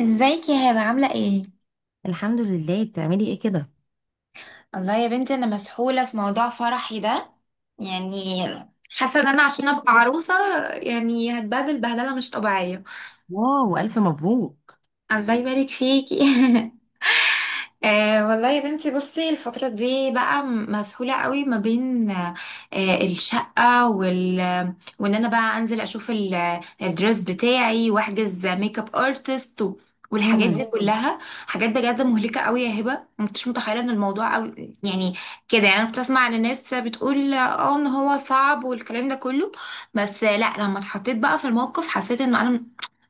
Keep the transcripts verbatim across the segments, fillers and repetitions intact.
ازيك يا هبه؟ عامله ايه؟ الحمد لله. بتعملي ايه كده؟ الله يا بنتي، انا مسحوله في موضوع فرحي ده. يعني حاسه ان انا عشان ابقى عروسه يعني هتبهدل بهدله مش طبيعيه. واو، الف مبروك. الله يبارك فيكي. أه والله يا بنتي، بصي الفترة دي بقى م- مسحولة قوي ما بين أه آه، الشقة وال وان انا بقى انزل اشوف ال- الدريس بتاعي واحجز ميك اب ارتست و- والحاجات دي امم. مم. كلها حاجات بجد مهلكة قوي يا هبة. ما كنتش متخيلة ان الموضوع قوي يعني كده. يعني انا كنت اسمع عن الناس بتقول اه ان هو صعب والكلام ده كله، بس آه، لا لما اتحطيت بقى في الموقف حسيت ان انا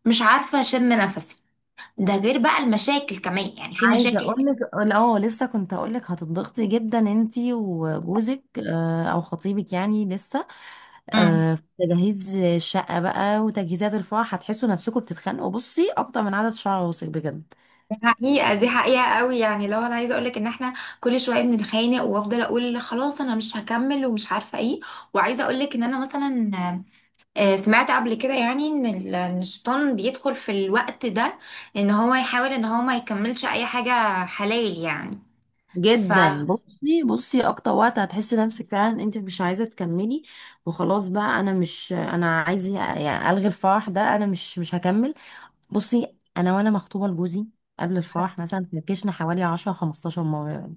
مش عارفة اشم نفسي. ده غير بقى المشاكل كمان، يعني في عايزه مشاكل. اقول لك. اه لسه كنت اقول لك هتضغطي جدا انتي وجوزك، آه، او خطيبك، يعني لسه امم. آه، في تجهيز الشقه بقى وتجهيزات الفرح هتحسوا نفسكم بتتخانقوا. بصي، اكتر من عدد شعر راسك بجد. دي حقيقة، دي حقيقة قوي. يعني لو انا عايزة اقولك ان احنا كل شوية بنتخانق وافضل اقول خلاص انا مش هكمل ومش عارفة ايه، وعايزة اقولك ان انا مثلا آه، سمعت قبل كده يعني ان ال- إن الشيطان بيدخل في الوقت ده، ان هو يحاول ان هو ما يكملش اي حاجة حلال يعني. ف جدا. بصي بصي، اكتر وقت هتحسي نفسك فعلا انت مش عايزه تكملي وخلاص بقى. انا مش، انا عايزه يعني الغي الفرح ده، انا مش مش هكمل. بصي انا، وانا مخطوبه لجوزي قبل الفرح مثلا فركشنا حوالي عشرة خمستاشر مره يعني،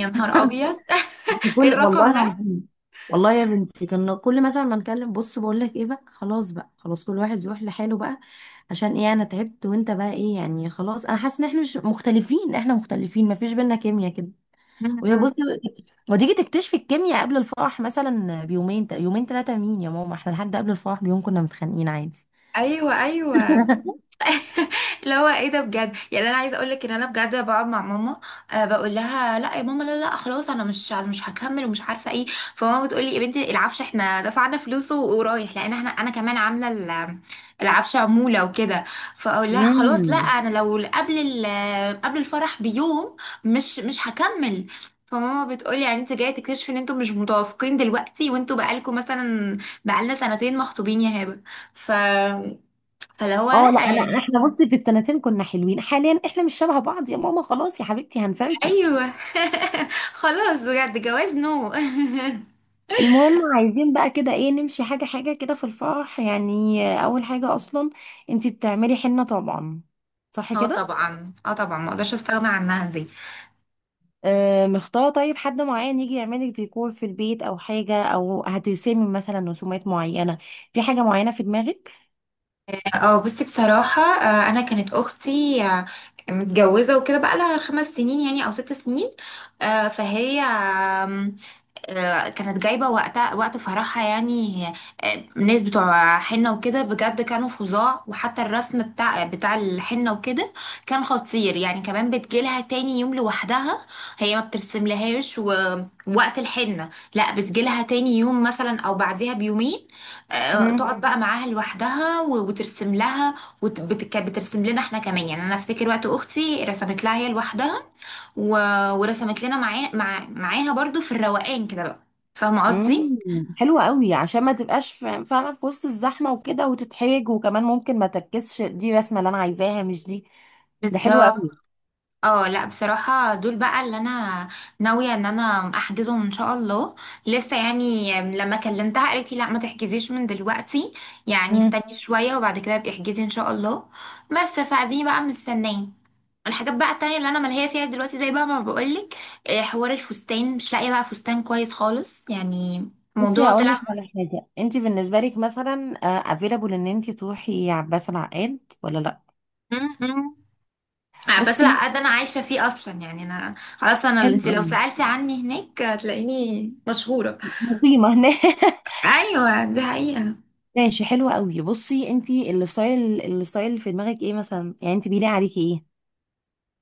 يا نهار ابيض. ايه بكل والله الرقم ده؟ العظيم. والله يا بنتي كنا كل مثلا ما نكلم بص بقول لك ايه بقى خلاص بقى خلاص، كل واحد يروح لحاله بقى. عشان ايه؟ انا تعبت وانت بقى ايه يعني؟ خلاص، انا حاسه ان احنا مش مختلفين، احنا مختلفين، ما فيش بينا كيمياء كده. وهي أمم. بصي، وتيجي تكتشفي الكيمياء قبل الفرح مثلا بيومين، يومين ثلاثه. مين يا ماما؟ احنا لحد قبل الفرح بيوم كنا متخانقين عادي. ايوه ايوه. اللي هو ايه ده بجد، يعني انا عايزه اقول لك ان انا بجد بقعد مع ماما آه، بقول لها لا يا ماما، لا لا خلاص انا مش، انا مش هكمل ومش عارفه ايه. فماما بتقول لي يا بنتي العفش احنا دفعنا فلوسه ورايح، لان احنا انا كمان عامله ال- العفش عموله وكده. فاقول لها خلاص لا، مم. انا لو قبل ال- قبل الفرح بيوم مش مش هكمل. فماما بتقولي يعني انت جايه تكتشفي ان انتوا مش متوافقين دلوقتي، وانتوا بقالكم مثلا، بقالنا سنتين مخطوبين يا هبه. ف فاللي هو اه لا، لا انا يعني. احنا بصي في السنتين كنا حلوين، حاليا احنا مش شبه بعض يا ماما، خلاص يا حبيبتي هنفركش. ايوه. خلاص بجد جواز نو. المهم، عايزين بقى كده ايه، نمشي حاجة حاجة كده في الفرح. يعني آه، اول حاجة اصلا، انتي بتعملي حنة طبعا، صح اه كده؟ طبعا، اه طبعا، ما اقدرش استغنى عنها دي. آه. مختارة طيب حد معين يجي يعملك ديكور في البيت او حاجة، او هترسمي مثلا رسومات معينة، في حاجة معينة في دماغك؟ اه بصي بصراحه، آه، انا كانت اختي آه، متجوزه وكده بقى لها خمس سنين يعني او ست سنين. آه، فهي آه، كانت جايبة وقتها وقت فرحها يعني. آه، الناس بتوع حنة وكده بجد كانوا فظاع، وحتى الرسم بتاع بتاع الحنة وكده كان خطير يعني. كمان بتجيلها تاني يوم لوحدها، هي ما بترسملهاش ووقت الحنة، لا بتجيلها تاني يوم مثلا او بعديها بيومين. آه، تقعد بقى معاها لوحدها و- وترسم لها، وبترسم لنا احنا كمان. يعني انا افتكر وقت اختي رسمت لها هي لوحدها و... ورسمت لنا معاه مع... معاها برضو في الروقان كده بقى. فاهمة قصدي؟ امم، حلوة قوي، عشان ما تبقاش فا- فاهمة في وسط الزحمة وكده وتتحرج، وكمان ممكن ما تركزش، دي الرسمة اللي انا عايزاها مش دي. ده حلوة بالظبط. قوي. اه لا بصراحة دول بقى اللي انا ناوية ان انا احجزهم ان شاء الله، لسه يعني. لما كلمتها قالت لي لا ما تحجزيش من دلوقتي، يعني امم. استني شوية وبعد كده ابقي احجزي ان شاء الله. بس فدي بقى مستنية. الحاجات بقى التانية اللي انا ملهية فيها دلوقتي زي بقى ما بقولك، آه، حوار الفستان. مش لاقية بقى فستان كويس خالص يعني. بصي موضوع هقول طلع. لك على حاجة، انت بالنسبة لك مثلا افيلابل ان انت تروحي عباس العقاد ولا لا؟ آه، بس بصي، لا ده انا عايشه فيه اصلا يعني. انا خلاص، انا حلو انت لو قوي. سالتي عني هناك هتلاقيني مشهوره. مقيمة هناك. ايوه دي حقيقه. ماشي، حلوة قوي. بصي، انت الستايل، الستايل اللي في دماغك ايه مثلا؟ يعني انت بيليق عليكي ايه؟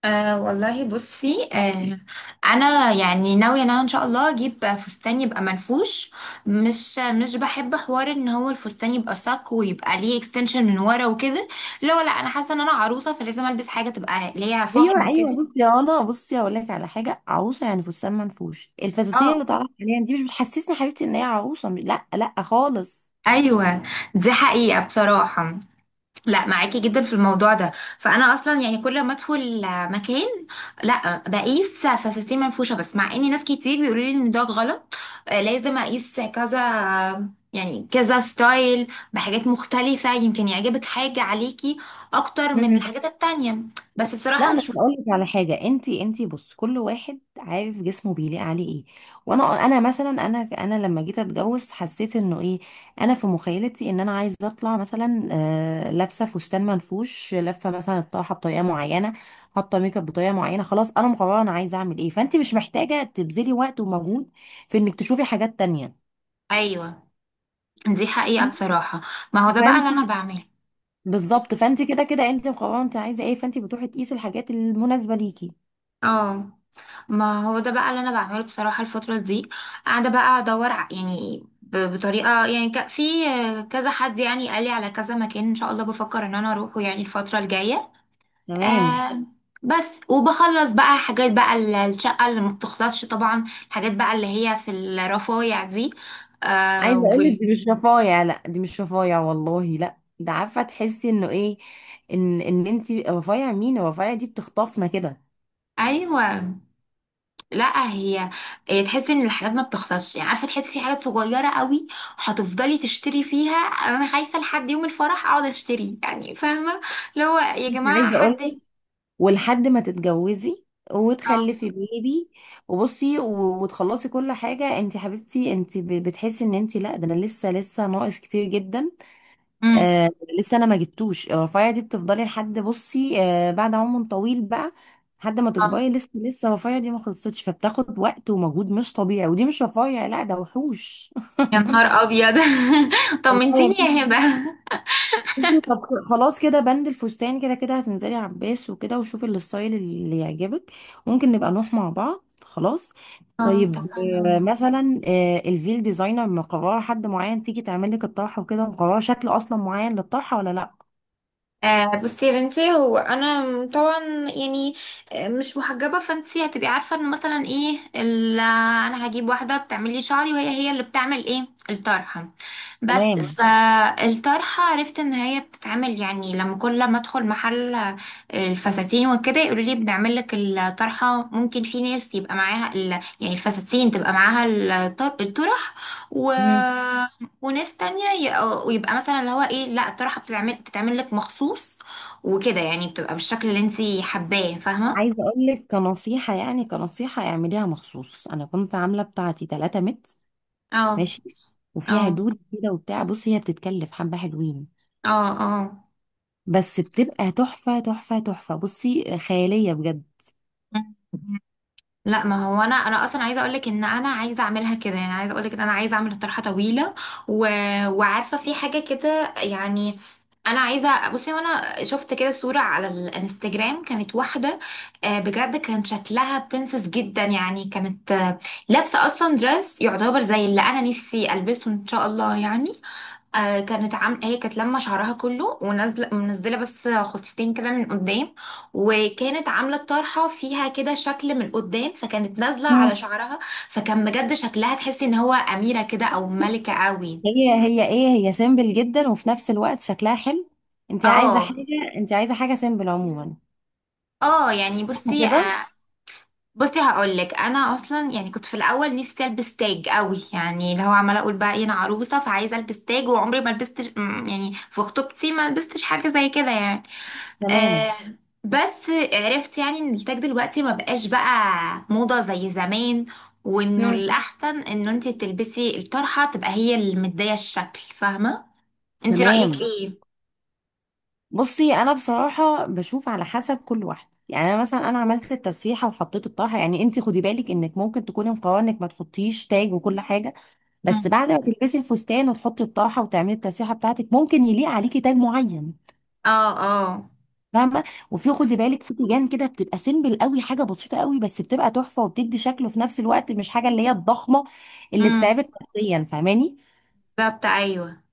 أه والله بصي أه، انا يعني ناويه ان انا ان شاء الله اجيب فستان يبقى منفوش. مش مش بحب حوار ان هو الفستان يبقى صك ويبقى ليه اكستنشن من ورا وكده. لا لا، انا حاسه ان انا عروسه فلازم البس حاجه تبقى ليها ايوه فخمه ايوه. كده. بصي يا رنا، بصي هقول لك على حاجه، عروسه يعني فستان منفوش، اه الفساتين اللي طالعه حاليا دي مش بتحسسني حبيبتي ان هي عروسه، لا لا خالص. ايوه دي حقيقه بصراحه، لا معاكي جدا في الموضوع ده. فانا اصلا يعني كل ما ادخل مكان لا بقيس فساتين منفوشه، بس مع ان ناس كتير بيقولوا لي ان ده غلط، آه، لازم اقيس كذا يعني كذا ستايل بحاجات مختلفه، يمكن يعجبك حاجه عليكي اكتر من الحاجات التانية. بس بصراحه لا بس مش. اقول لك على حاجه، انت انت بص، كل واحد عارف جسمه بيليق عليه ايه. وانا، انا مثلا، انا انا لما جيت اتجوز حسيت انه ايه، انا في مخيلتي ان انا عايزه اطلع مثلا آه لابسه فستان منفوش، لفه مثلا الطرحه بطريقه معينه، حاطه ميك اب بطريقه معينه. خلاص، انا مقرره انا عايزه اعمل ايه، فانت مش محتاجه تبذلي وقت ومجهود في انك تشوفي حاجات تانية. ايوه دي حقيقه بصراحه، ما هو ده بقى اللي فانت، انا بعمله. بالظبط، فانت كده كده انت مقرره انت عايزه ايه، فانت بتروحي تقيسي الحاجات المناسبه ليكي. اه ما هو ده بقى اللي انا بعمله بصراحه. الفتره دي قاعده بقى ادور ع- يعني ب- بطريقه يعني ك- في كذا حد يعني قال لي على كذا مكان ان شاء الله بفكر ان انا اروحه يعني الفتره الجايه. تمام. آه. بس وبخلص بقى حاجات بقى ال- الشقه اللي ما بتخلصش طبعا. الحاجات بقى اللي هي في الرفايع دي، آه عايزه اقول لك، وال... دي مش رفايع، لا دي مش رفايع والله، لا ده عارفه تحسي انه ايه، ان ان انت، رفايع مين؟ الرفايع دي بتخطفنا كده. ايوه. لا هي، هي تحس ان الحاجات ما بتخلصش يعني. عارفه تحسي في حاجات صغيره قوي هتفضلي تشتري فيها. انا خايفه لحد يوم الفرح اقعد اشتري يعني، فاهمه. اللي هو يا انت جماعه عايزه اقول حد. لك، ولحد ما تتجوزي اه. وتخلفي بيبي وبصي و- وتخلصي كل حاجه، انت حبيبتي انت ب- بتحسي ان انت لا، ده انا لسه لسه ناقص كتير جدا. امم. آه. لسه انا ما جبتوش الرفاية دي، بتفضلي لحد بصي آه بعد عمر طويل بقى، لحد ما اه تكبري لسه لسه الرفاية دي ما خلصتش، فبتاخد وقت ومجهود مش طبيعي. ودي مش رفاية، لا ده وحوش. يا نهار ابيض. والله يا طمنتيني بنتي. يا هبه. طب، خلاص كده بند الفستان. كده كده هتنزلي عباس وكده وشوفي الستايل اللي يعجبك، ممكن نبقى نروح مع بعض. خلاص. اه طيب اتفقنا آه، والله. مثلا آه، الفيل ديزاينر، مقرره حد معين تيجي تعمل لك الطرحه وكده؟ مقرره شكل اصلا معين للطرحه ولا لا؟ آه بصي يا بنتي، هو انا طبعا يعني آه، مش محجبه، فانتي هتبقي عارفه ان مثلا ايه ال- انا هجيب واحده بتعمل لي شعري، وهي هي اللي بتعمل ايه الطرحه. بس تمام. فالطرحة عرفت ان هي بتتعمل يعني لما كل ما ادخل محل الفساتين وكده يقولوا لي بنعمل لك الطرحة. ممكن في ناس يبقى معاها ال... يعني الفساتين تبقى معاها الطر... الطرح و... وناس تانية ي... ويبقى مثلا اللي هو ايه، لا الطرحة بتتعمل بتتعمل لك مخصوص وكده يعني، بتبقى بالشكل اللي انتي حباه، فاهمة. عايزه اقول لك كنصيحه، يعني كنصيحه اعمليها مخصوص. انا كنت عامله بتاعتي تلاته متر، اه. ماشي، وفيها اه. دود كده وبتاع. بصي، هي بتتكلف حبه حلوين، اه. بس بتبقى تحفه تحفه تحفه، بصي خياليه بجد. اه لا ما هو انا، انا اصلا عايزه اقولك ان انا عايزه اعملها كده يعني. عايزه اقولك ان انا عايزه اعمل طرحه طويله و... وعارفه في حاجه كده يعني. انا عايزه، بصي وانا شفت كده صوره على الانستجرام كانت واحده، آه، بجد كان شكلها برنسس جدا يعني. كانت آه، لابسه اصلا دريس يعتبر زي اللي انا نفسي البسه ان شاء الله يعني. آه كانت عام هي كانت لما شعرها كله ونازله منزله بس خصلتين كده من قدام، وكانت عامله الطرحه فيها كده شكل من قدام فكانت نازله على مم. شعرها، فكان بجد شكلها تحسي ان هو اميره كده او ملكه قوي. هي هي ايه، هي سيمبل جدا وفي نفس الوقت شكلها حلو. انت عايزه اه. حاجه، انت عايزه حاجه سيمبل عموما، اه يعني صح بصي كده؟ آه. بصي هقول لك، انا اصلا يعني كنت في الاول نفسي البس تاج قوي، يعني اللي هو عماله اقول بقى إيه، انا عروسه فعايزه البس تاج وعمري ما لبست، يعني في خطوبتي ما لبستش حاجه زي كده يعني. تمام. آه بس عرفت يعني ان التاج دلوقتي ما بقاش بقى موضة زي زمان، وانه مم. الاحسن انه انت تلبسي الطرحة تبقى هي اللي مدية الشكل، فاهمة. انت رأيك تمام. ايه؟ بصي انا بصراحه بشوف على حسب كل واحده. يعني انا مثلا انا عملت التسريحه وحطيت الطرحه، يعني انت خدي بالك انك ممكن تكوني مقرره انك ما تحطيش تاج وكل حاجه، بس مم. بعد ما تلبسي الفستان وتحطي الطرحه وتعملي التسريحه بتاعتك ممكن يليق عليكي تاج معين. اه. اه. فاهمه؟ وفي، خدي بالك، في تيجان كده بتبقى سيمبل قوي، حاجه بسيطه قوي بس بتبقى تحفه وبتدي شكله في نفس الوقت، مش حاجه اللي هي الضخمه اللي امم، تتعبك نفسيا. فاهماني؟ بالظبط ايوه.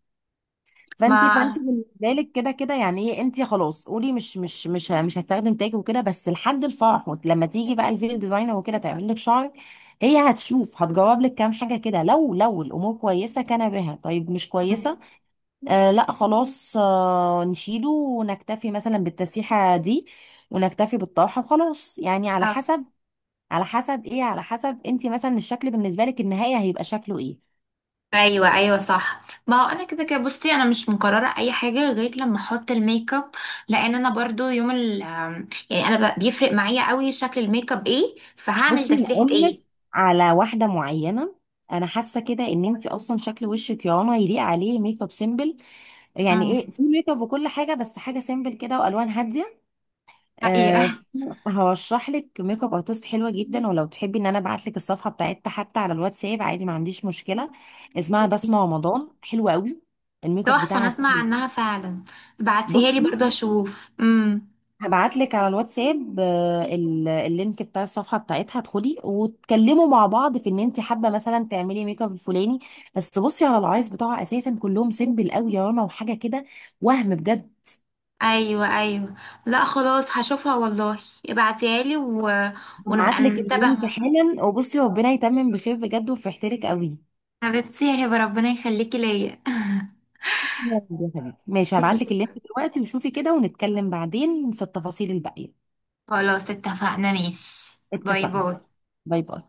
فانت، فانت ما بالنسبه لك كده كده يعني ايه، انت خلاص قولي مش مش مش ه- مش هستخدم تاج وكده. بس لحد الفرح، وت- لما تيجي بقى الفيل ديزاينر وكده تعمل لك شعرك، هي هتشوف هتجاوب لك كام حاجه كده. لو لو الامور كويسه كان بها، طيب مش مم. كويسه آه لا خلاص آه نشيله، ونكتفي مثلا بالتسريحه دي ونكتفي بالطرحه وخلاص. يعني على اه حسب، على حسب ايه، على حسب انت مثلا الشكل بالنسبه لك النهايه هيبقى شكله ايه. ايوه ايوه صح. ما هو انا كده كده بصي انا مش مقرره اي حاجه غير لما احط الميك اب. لان انا برضو يوم ال آم، يعني انا ب- بيفرق معايا قوي شكل الميك اب ايه فهعمل بصي تسريحه هقول ايه. لك على واحده معينه، انا حاسه كده ان انت اصلا شكل وشك يا رنا يليق عليه ميك اب سيمبل. يعني مم. ايه، في ميك اب وكل حاجه بس حاجه سيمبل كده والوان هاديه. حقيقة. أه. هرشح لك ميك اب ارتست حلوه جدا، ولو تحبي ان انا ابعت لك الصفحه بتاعتها حتى على الواتساب عادي، ما عنديش مشكله. اسمها بسمه رمضان، حلوه قوي، الميك اب تحفة. أنا بتاعها أسمع سيمبل. عنها فعلا، بعتيها لي بصي برضه أشوف. امم. هبعت لك على الواتساب آه، ال- اللينك بتاع الصفحه بتاعتها، ادخلي وتكلموا مع بعض في ان انت حابه مثلا تعملي ميك اب الفلاني. بس بصي على العرايس بتوعها اساسا كلهم سيمبل قوي يا رنا وحاجه كده، وهم بجد. أيوة أيوة. لا خلاص هشوفها والله، ابعتيها لي و... هبعت ونبقى لك نتابع اللينك مع، حالا. وبصي، ربنا يتمم بخير بجد، وفرحت لك قوي. حبيبتي يا هبة ربنا يخليكي ليا. يا رب يا حبيبتي. ماشي، هبعت ماشي لك يا اللينك هبة. دلوقتي وشوفي كده، ونتكلم بعدين في التفاصيل الباقيه. خلاص اتفقنا، ماشي، باي اتفقنا، باي. باي باي.